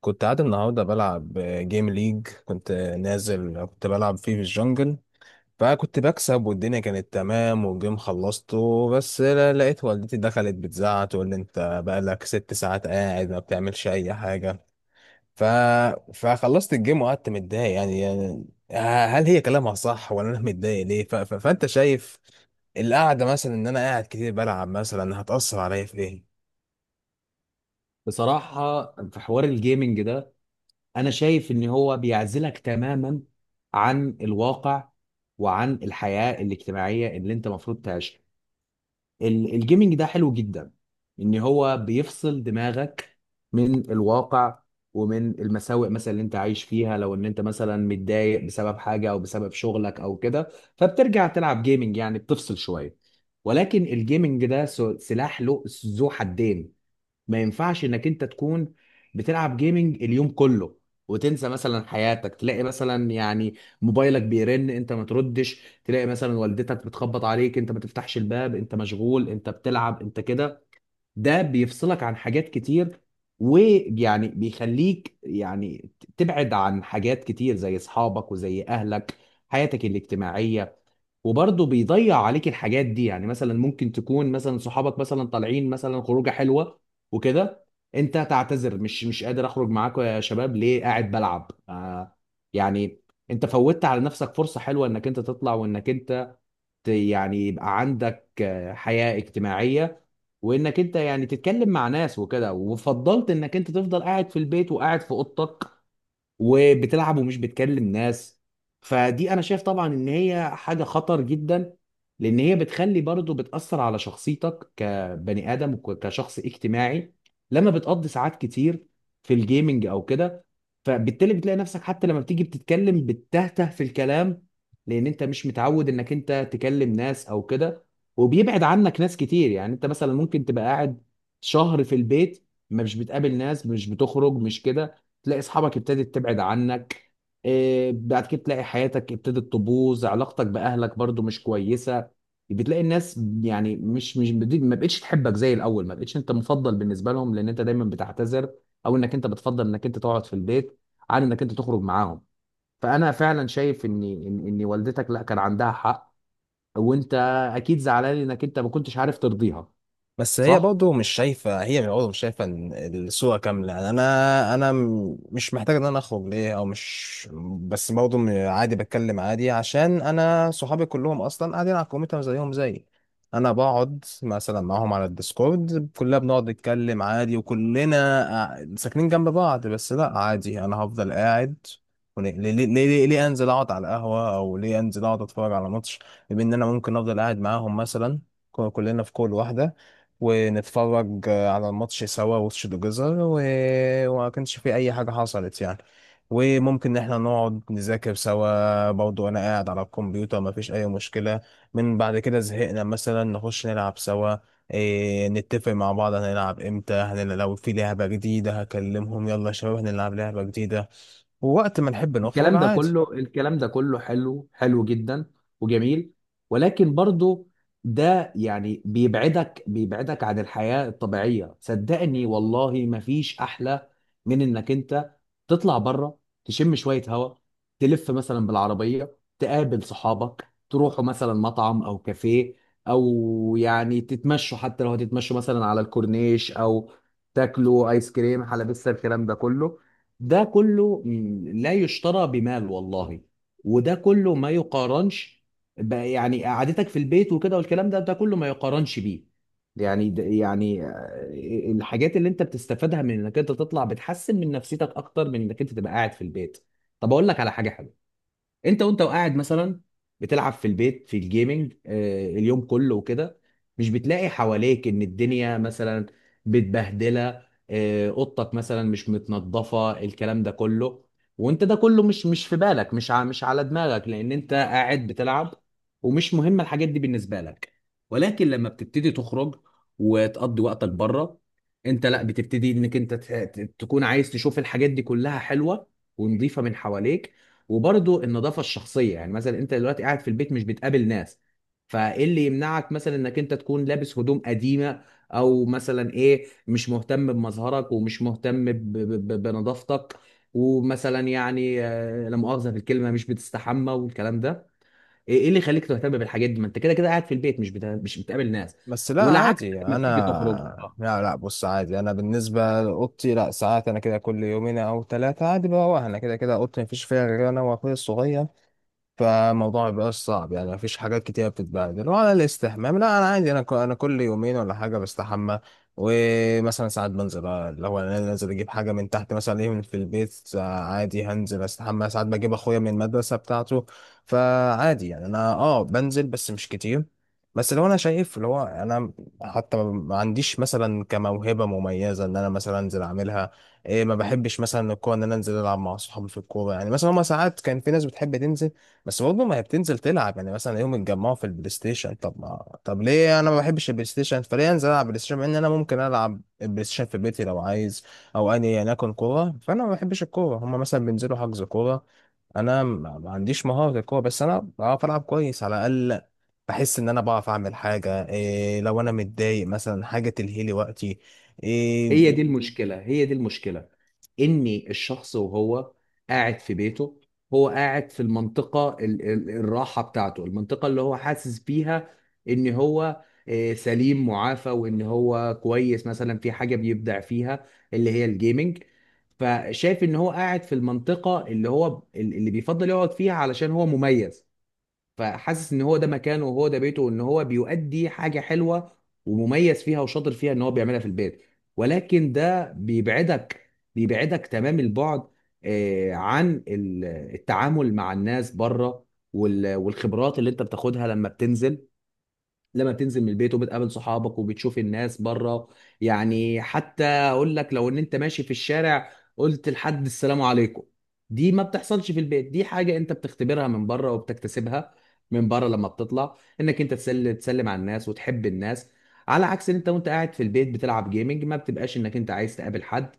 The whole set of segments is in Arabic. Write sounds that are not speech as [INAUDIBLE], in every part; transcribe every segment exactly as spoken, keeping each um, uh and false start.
كنت قاعد النهارده بلعب جيم ليج، كنت نازل كنت بلعب فيه في الجنجل. فكنت بكسب والدنيا كانت تمام والجيم خلصته، بس لا- لقيت والدتي دخلت بتزعق تقول لي انت بقالك ست ساعات قاعد ما بتعملش اي حاجه. ف... فخلصت الجيم وقعدت متضايق، يعني, يعني هل هي كلامها صح ولا انا متضايق ليه؟ ف... ف... فانت شايف القعده مثلا ان انا قاعد كتير بلعب مثلا هتأثر عليا في ايه؟ بصراحة، في حوار الجيمنج ده، أنا شايف إن هو بيعزلك تماما عن الواقع وعن الحياة الاجتماعية اللي أنت المفروض تعيشها. ال- الجيمنج ده حلو جدا، إن هو بيفصل دماغك من الواقع ومن المساوئ مثلا اللي أنت عايش فيها، لو إن أنت مثلا متضايق بسبب حاجة أو بسبب شغلك أو كده، فبترجع تلعب جيمنج، يعني بتفصل شوية. ولكن الجيمنج ده سو- سلاح له ذو حدين. ما ينفعش انك انت تكون بتلعب جيمنج اليوم كله وتنسى مثلا حياتك، تلاقي مثلا يعني موبايلك بيرن انت ما تردش، تلاقي مثلا والدتك بتخبط عليك انت ما تفتحش الباب، انت مشغول، انت بتلعب، انت كده. ده بيفصلك عن حاجات كتير، ويعني بيخليك يعني تبعد عن حاجات كتير زي اصحابك وزي اهلك، حياتك الاجتماعية. وبرضه بيضيع عليك الحاجات دي، يعني مثلا ممكن تكون مثلا صحابك مثلا طالعين مثلا خروجه حلوه وكده، انت تعتذر، مش مش قادر اخرج معاكم يا شباب، ليه؟ قاعد بلعب، آه، يعني انت فوتت على نفسك فرصه حلوه انك انت تطلع، وانك انت ت- يعني يبقى عندك آه، حياه اجتماعيه، وانك انت يعني تتكلم مع ناس وكده، وفضلت انك انت تفضل قاعد في البيت وقاعد في اوضتك وبتلعب ومش بتكلم ناس. فدي انا شايف طبعا ان هي حاجه خطر جدا، لان هي بتخلي برضه بتاثر على شخصيتك كبني ادم وكشخص اجتماعي. لما بتقضي ساعات كتير في الجيمنج او كده، فبالتالي بتلاقي نفسك حتى لما بتيجي بتتكلم بتتهته في الكلام، لان انت مش متعود انك انت تكلم ناس او كده. وبيبعد عنك ناس كتير، يعني انت مثلا ممكن تبقى قاعد شهر في البيت ما مش بتقابل ناس، مش بتخرج، مش كده، تلاقي اصحابك ابتدت تبعد عنك. إيه، بعد كده تلاقي حياتك ابتدت تبوظ، علاقتك باهلك برضو مش كويسه. بتلاقي الناس يعني مش مش بدي- ما بقتش تحبك زي الاول، ما بقتش انت مفضل بالنسبه لهم، لان انت دايما بتعتذر، او انك انت بتفضل انك انت تقعد في البيت عن انك انت تخرج معاهم. فانا فعلا شايف ان ان إن والدتك لا كان عندها حق، وانت اكيد زعلان انك انت ما كنتش عارف ترضيها. بس هي صح، برضه مش شايفة هي برضه مش شايفة إن الصورة كاملة. يعني أنا أنا م- مش محتاج إن أنا أخرج ليه، أو مش. بس برضه م- عادي بتكلم عادي، عشان أنا صحابي كلهم أصلا قاعدين على الكمبيوتر زيهم زيي. أنا بقعد مثلا معاهم على الديسكورد، كلنا بنقعد نتكلم عادي، وكلنا قاع- ساكنين جنب بعض. بس لأ، عادي، أنا هفضل قاعد. وليه- ليه ليه ليه ليه أنزل أقعد على القهوة، أو ليه أنزل أقعد أتفرج على ماتش، بما إن أنا ممكن أفضل قاعد معاهم مثلا؟ كلنا في كل واحدة، ونتفرج على الماتش سوا، وش جزر، و... وما كانش في اي حاجة حصلت يعني. وممكن ان احنا نقعد نذاكر سوا برضو، انا قاعد على الكمبيوتر، ما فيش اي مشكلة. من بعد كده زهقنا مثلا نخش نلعب سوا، إيه، نتفق مع بعض هنلعب امتى، هنلعب لو في لعبة جديدة هكلمهم يلا يا شباب هنلعب لعبة جديدة، ووقت ما نحب نخرج الكلام ده عادي. كله، الكلام ده كله حلو، حلو جدا وجميل، ولكن برضو ده يعني بيبعدك بيبعدك عن الحياة الطبيعية. صدقني والله مفيش أحلى من إنك أنت تطلع بره، تشم شوية هواء، تلف مثلا بالعربية، تقابل صحابك، تروحوا مثلا مطعم أو كافيه، أو يعني تتمشوا، حتى لو هتتمشوا مثلا على الكورنيش، أو تاكلوا آيس كريم، حلبسة الكلام ده كله، ده كله م، لا يشترى بمال والله. وده كله ما يقارنش ب- يعني قعدتك في البيت وكده، والكلام ده ده كله ما يقارنش بيه. يعني ده يعني آه، الحاجات اللي انت بتستفادها من انك انت تطلع بتحسن من نفسيتك اكتر من انك انت تبقى قاعد في البيت. طب اقول لك على حاجة حلوة، انت وانت وقاعد مثلا بتلعب في البيت في الجيمنج آه، اليوم كله وكده، مش بتلاقي حواليك ان الدنيا مثلا متبهدله، آه، اوضتك مثلا مش متنظفه، الكلام ده كله. وانت ده كله مش مش في بالك، مش ع- مش على دماغك، لان انت قاعد بتلعب، ومش مهم الحاجات دي بالنسبه لك. ولكن لما بتبتدي تخرج وتقضي وقتك بره، انت لا بتبتدي انك انت ت- ت- تكون عايز تشوف الحاجات دي كلها حلوه ونظيفه من حواليك. وبرضه النظافه الشخصيه، يعني مثلا انت دلوقتي قاعد في البيت مش بتقابل ناس، فايه اللي يمنعك مثلا انك انت تكون لابس هدوم قديمه، او مثلا ايه مش مهتم بمظهرك ومش مهتم ب- ب- ب- بنظافتك، ومثلا يعني آه، لا مؤاخذه في الكلمه، مش بتستحمى والكلام ده. ايه إيه اللي يخليك تهتم بالحاجات دي؟ ما انت كده كده قاعد في البيت، مش بتا... مش بتقابل ناس. بس لا، والعكس عادي، انا، لما بتيجي تخرج، آه. لا لا، بص، عادي، انا بالنسبه لاوضتي، لا ساعات انا كده كل يومين او ثلاثه عادي بروح. انا كده كده اوضتي مفيش فيها غير انا واخويا الصغير، فالموضوع مبيبقاش صعب يعني، مفيش حاجات كتيرة بتتبهدل. وعلى الاستحمام، لا أنا عادي، أنا ك- أنا كل يومين ولا حاجة بستحمى. ومثلا ساعات بنزل، آه، لو أنا نازل أجيب حاجة من تحت مثلا، إيه، من في البيت، آه، عادي هنزل أستحمى. ساعات بجيب أخويا من المدرسة بتاعته. فعادي يعني أنا أه بنزل بس مش كتير. بس لو أنا شايف اللي هو أنا حتى ما ما عنديش مثلا كموهبة مميزة إن أنا مثلا أنزل أعملها. إيه، ما بحبش مثلا الكورة، إن أنا أنزل ألعب مع أصحابي في الكورة. يعني مثلا هما ساعات كان في ناس بتحب تنزل، بس برضه ما هي بتنزل تلعب، يعني مثلا يوم اتجمعوا في البلاي ستيشن، طب ما طب ليه انا ما بحبش البلاي ستيشن؟ فليه انزل العب بلاي ستيشن مع ان انا ممكن العب البلاي ستيشن في بيتي لو عايز؟ او اني يعني اكون كوره، فانا ما بحبش الكوره. هما مثلا بينزلوا حجز كوره، انا ما ما عنديش مهاره الكوره، بس انا بعرف العب كويس على الاقل. بحس ان انا بعرف اعمل حاجه، إيه، لو انا متضايق مثلا حاجه تلهي لي وقتي. إيه، هي دي المشكلة، هي دي المشكلة، إن الشخص وهو قاعد في بيته، هو قاعد في المنطقة ال- ال- الراحة بتاعته، المنطقة اللي هو حاسس بيها إن هو آه، سليم معافى، وإن هو كويس مثلا في حاجة بيبدع فيها، اللي هي الجيمنج. فشايف إن هو قاعد في المنطقة اللي هو اللي بيفضل يقعد فيها علشان هو مميز، فحاسس ان هو ده مكانه، وهو ده بيته، وان هو بيؤدي حاجه حلوه ومميز فيها وشاطر فيها ان هو بيعملها في البيت. ولكن ده بيبعدك بيبعدك تمام البعد، آه، عن ال- التعامل مع الناس بره، وال- والخبرات اللي انت بتاخدها لما بتنزل، لما بتنزل من البيت وبتقابل صحابك وبتشوف الناس بره. يعني حتى اقول لك لو ان انت ماشي في الشارع قلت لحد السلام عليكم، دي ما بتحصلش في البيت، دي حاجة انت بتختبرها من بره وبتكتسبها من بره لما بتطلع، انك انت تسل تسلم على الناس وتحب الناس، على عكس ان انت وانت قاعد في البيت بتلعب جيمنج ما بتبقاش انك انت عايز تقابل حد،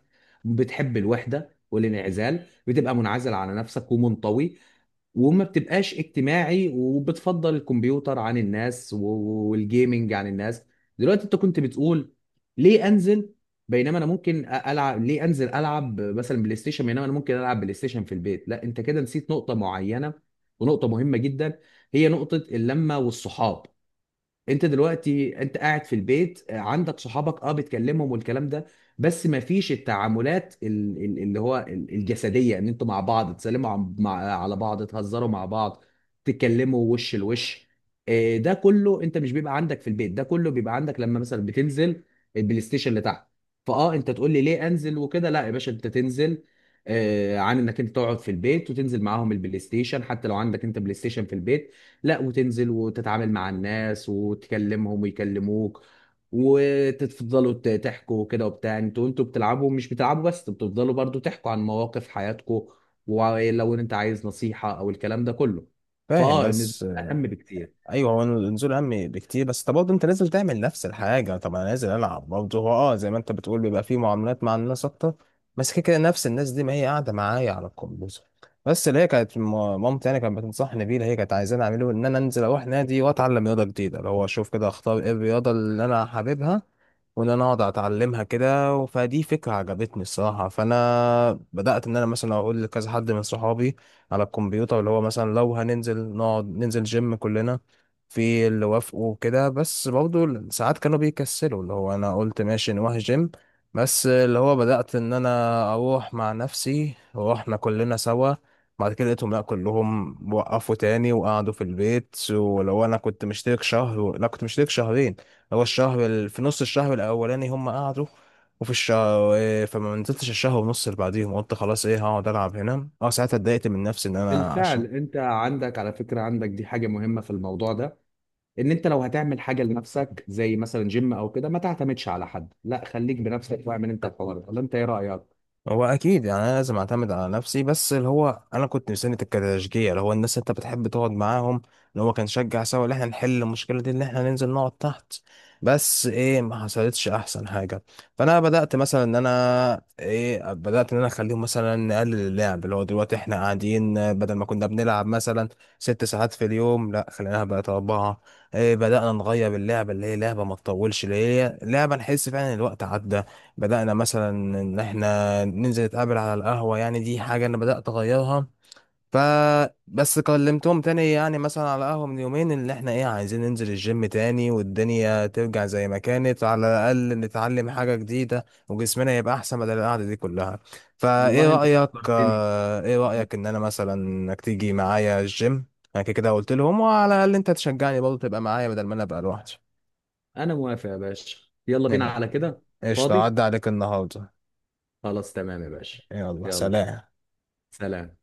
بتحب الوحدة والانعزال، بتبقى منعزل على نفسك ومنطوي، وما بتبقاش اجتماعي، وبتفضل الكمبيوتر عن الناس و- والجيمينج عن الناس. دلوقتي انت كنت بتقول ليه انزل بينما انا ممكن أ- العب، ليه انزل العب مثلا بلاي ستيشن بينما انا ممكن العب بلاي ستيشن في البيت؟ لا، انت كده نسيت نقطة معينة ونقطة مهمة جدا، هي نقطة اللمة والصحاب. انت دلوقتي انت قاعد في البيت آه، عندك صحابك اه بتكلمهم والكلام ده، بس ما فيش التعاملات ال- ال- اللي هو ال- الجسديه، ان انتوا مع بعض تسلموا عم- مع- على بعض، تهزروا مع بعض، تتكلموا وش لوش، آه، ده كله انت مش بيبقى عندك في البيت، ده كله بيبقى عندك لما مثلا بتنزل البلاي ستيشن اللي تحت. فاه انت تقول لي ليه انزل وكده، لا يا باشا انت تنزل، آه، عن انك انت تقعد في البيت، وتنزل معاهم البلاي ستيشن حتى لو عندك انت بلاي ستيشن في البيت، لا، وتنزل وتتعامل مع الناس وتكلمهم ويكلموك، وتفضلوا ت- تحكوا كده وبتاع، انتوا انتوا بتلعبوا مش بتلعبوا، بس انتوا بتفضلوا برضو تحكوا عن مواقف حياتكم، ولو ان انت عايز نصيحة او الكلام ده كله. فاهم. فاه النزول بس اهم بكتير. ايوه، هو النزول اهم بكتير. بس طب برضه انت نازل تعمل نفس الحاجه، طب انا نازل العب برضه. هو، اه زي ما انت بتقول، بيبقى فيه معاملات مع الناس اكتر، بس كده كده نفس الناس دي ما هي قاعده معايا على الكمبيوتر. بس اللي هي كانت م- مامتي يعني كانت بتنصحني بيه، اللي هي كانت عايزاني اعمله ان انا انزل اروح نادي واتعلم رياضه جديده، اللي هو اشوف كده اختار ايه الرياضه اللي انا حاببها، وان انا اقعد اتعلمها كده. فدي فكره عجبتني الصراحه. فانا بدات ان انا مثلا اقول لكذا حد من صحابي على الكمبيوتر، اللي هو مثلا لو هننزل نقعد ننزل جيم كلنا، في اللي وافقوا كده. بس برضه ساعات كانوا بيكسلوا، اللي هو انا قلت ماشي نروح جيم. بس اللي هو بدأت ان انا اروح مع نفسي، روحنا كلنا سوا. بعد كده لقيتهم لا كلهم وقفوا تاني وقعدوا في البيت. ولو انا كنت مشترك شهر لا كنت مشترك شهرين. هو الشهر ال... في نص الشهر الاولاني هم قعدوا، وفي الشهر، إيه، فما نزلتش الشهر ونص اللي بعديهم، قلت خلاص ايه هقعد العب هنا. اه ساعتها اتضايقت من نفسي ان انا بالفعل عشان. انت عندك، على فكرة، عندك دي حاجة مهمة في الموضوع ده، ان انت لو هتعمل حاجة لنفسك زي مثلا جيم او كده، ما تعتمدش على حد، لا خليك بنفسك واعمل انت الحوار ده، ولا انت ايه رأيك؟ هو اكيد يعني انا لازم اعتمد على نفسي، بس اللي هو انا كنت مستني التكتشجيع، اللي هو الناس اللي انت بتحب تقعد معاهم، اللي هو كان شجع سوا اللي احنا نحل المشكله دي، اللي احنا ننزل نقعد تحت. بس ايه، ما حصلتش احسن حاجه. فانا بدات مثلا ان انا ايه بدات ان انا اخليهم مثلا نقلل اللعب، اللي هو دلوقتي احنا قاعدين، آه، بدل ما كنا بنلعب مثلا ست ساعات في اليوم، لا خليناها بقت اربعه. ايه، بدانا نغير اللعبه، اللي هي لعبه ما تطولش، اللي هي لعبه نحس فعلا إن الوقت عدى. بدأنا مثلا إن إحنا ننزل نتقابل على القهوة، يعني دي حاجة أنا بدأت أغيرها. فبس كلمتهم تاني يعني مثلا على قهوة من يومين إن إحنا، إيه، عايزين ننزل الجيم تاني والدنيا ترجع زي ما كانت، على الأقل نتعلم حاجة جديدة وجسمنا يبقى أحسن بدل القعدة دي كلها. فإيه والله انت رأيك فكرتني. آه، إيه رأيك إن أنا مثلا إنك تيجي معايا الجيم؟ أنا كده كده قلت لهم، وعلى الأقل أنت تشجعني برضه تبقى معايا بدل ما أنا أبقى لوحدي. انا موافق يا باشا، يلا بينا [LAUGHS] على كده. قشطة، فاضي، عدى عليك النهاردة. خلاص تمام يا باشا. يلا يلا، سلام. سلام.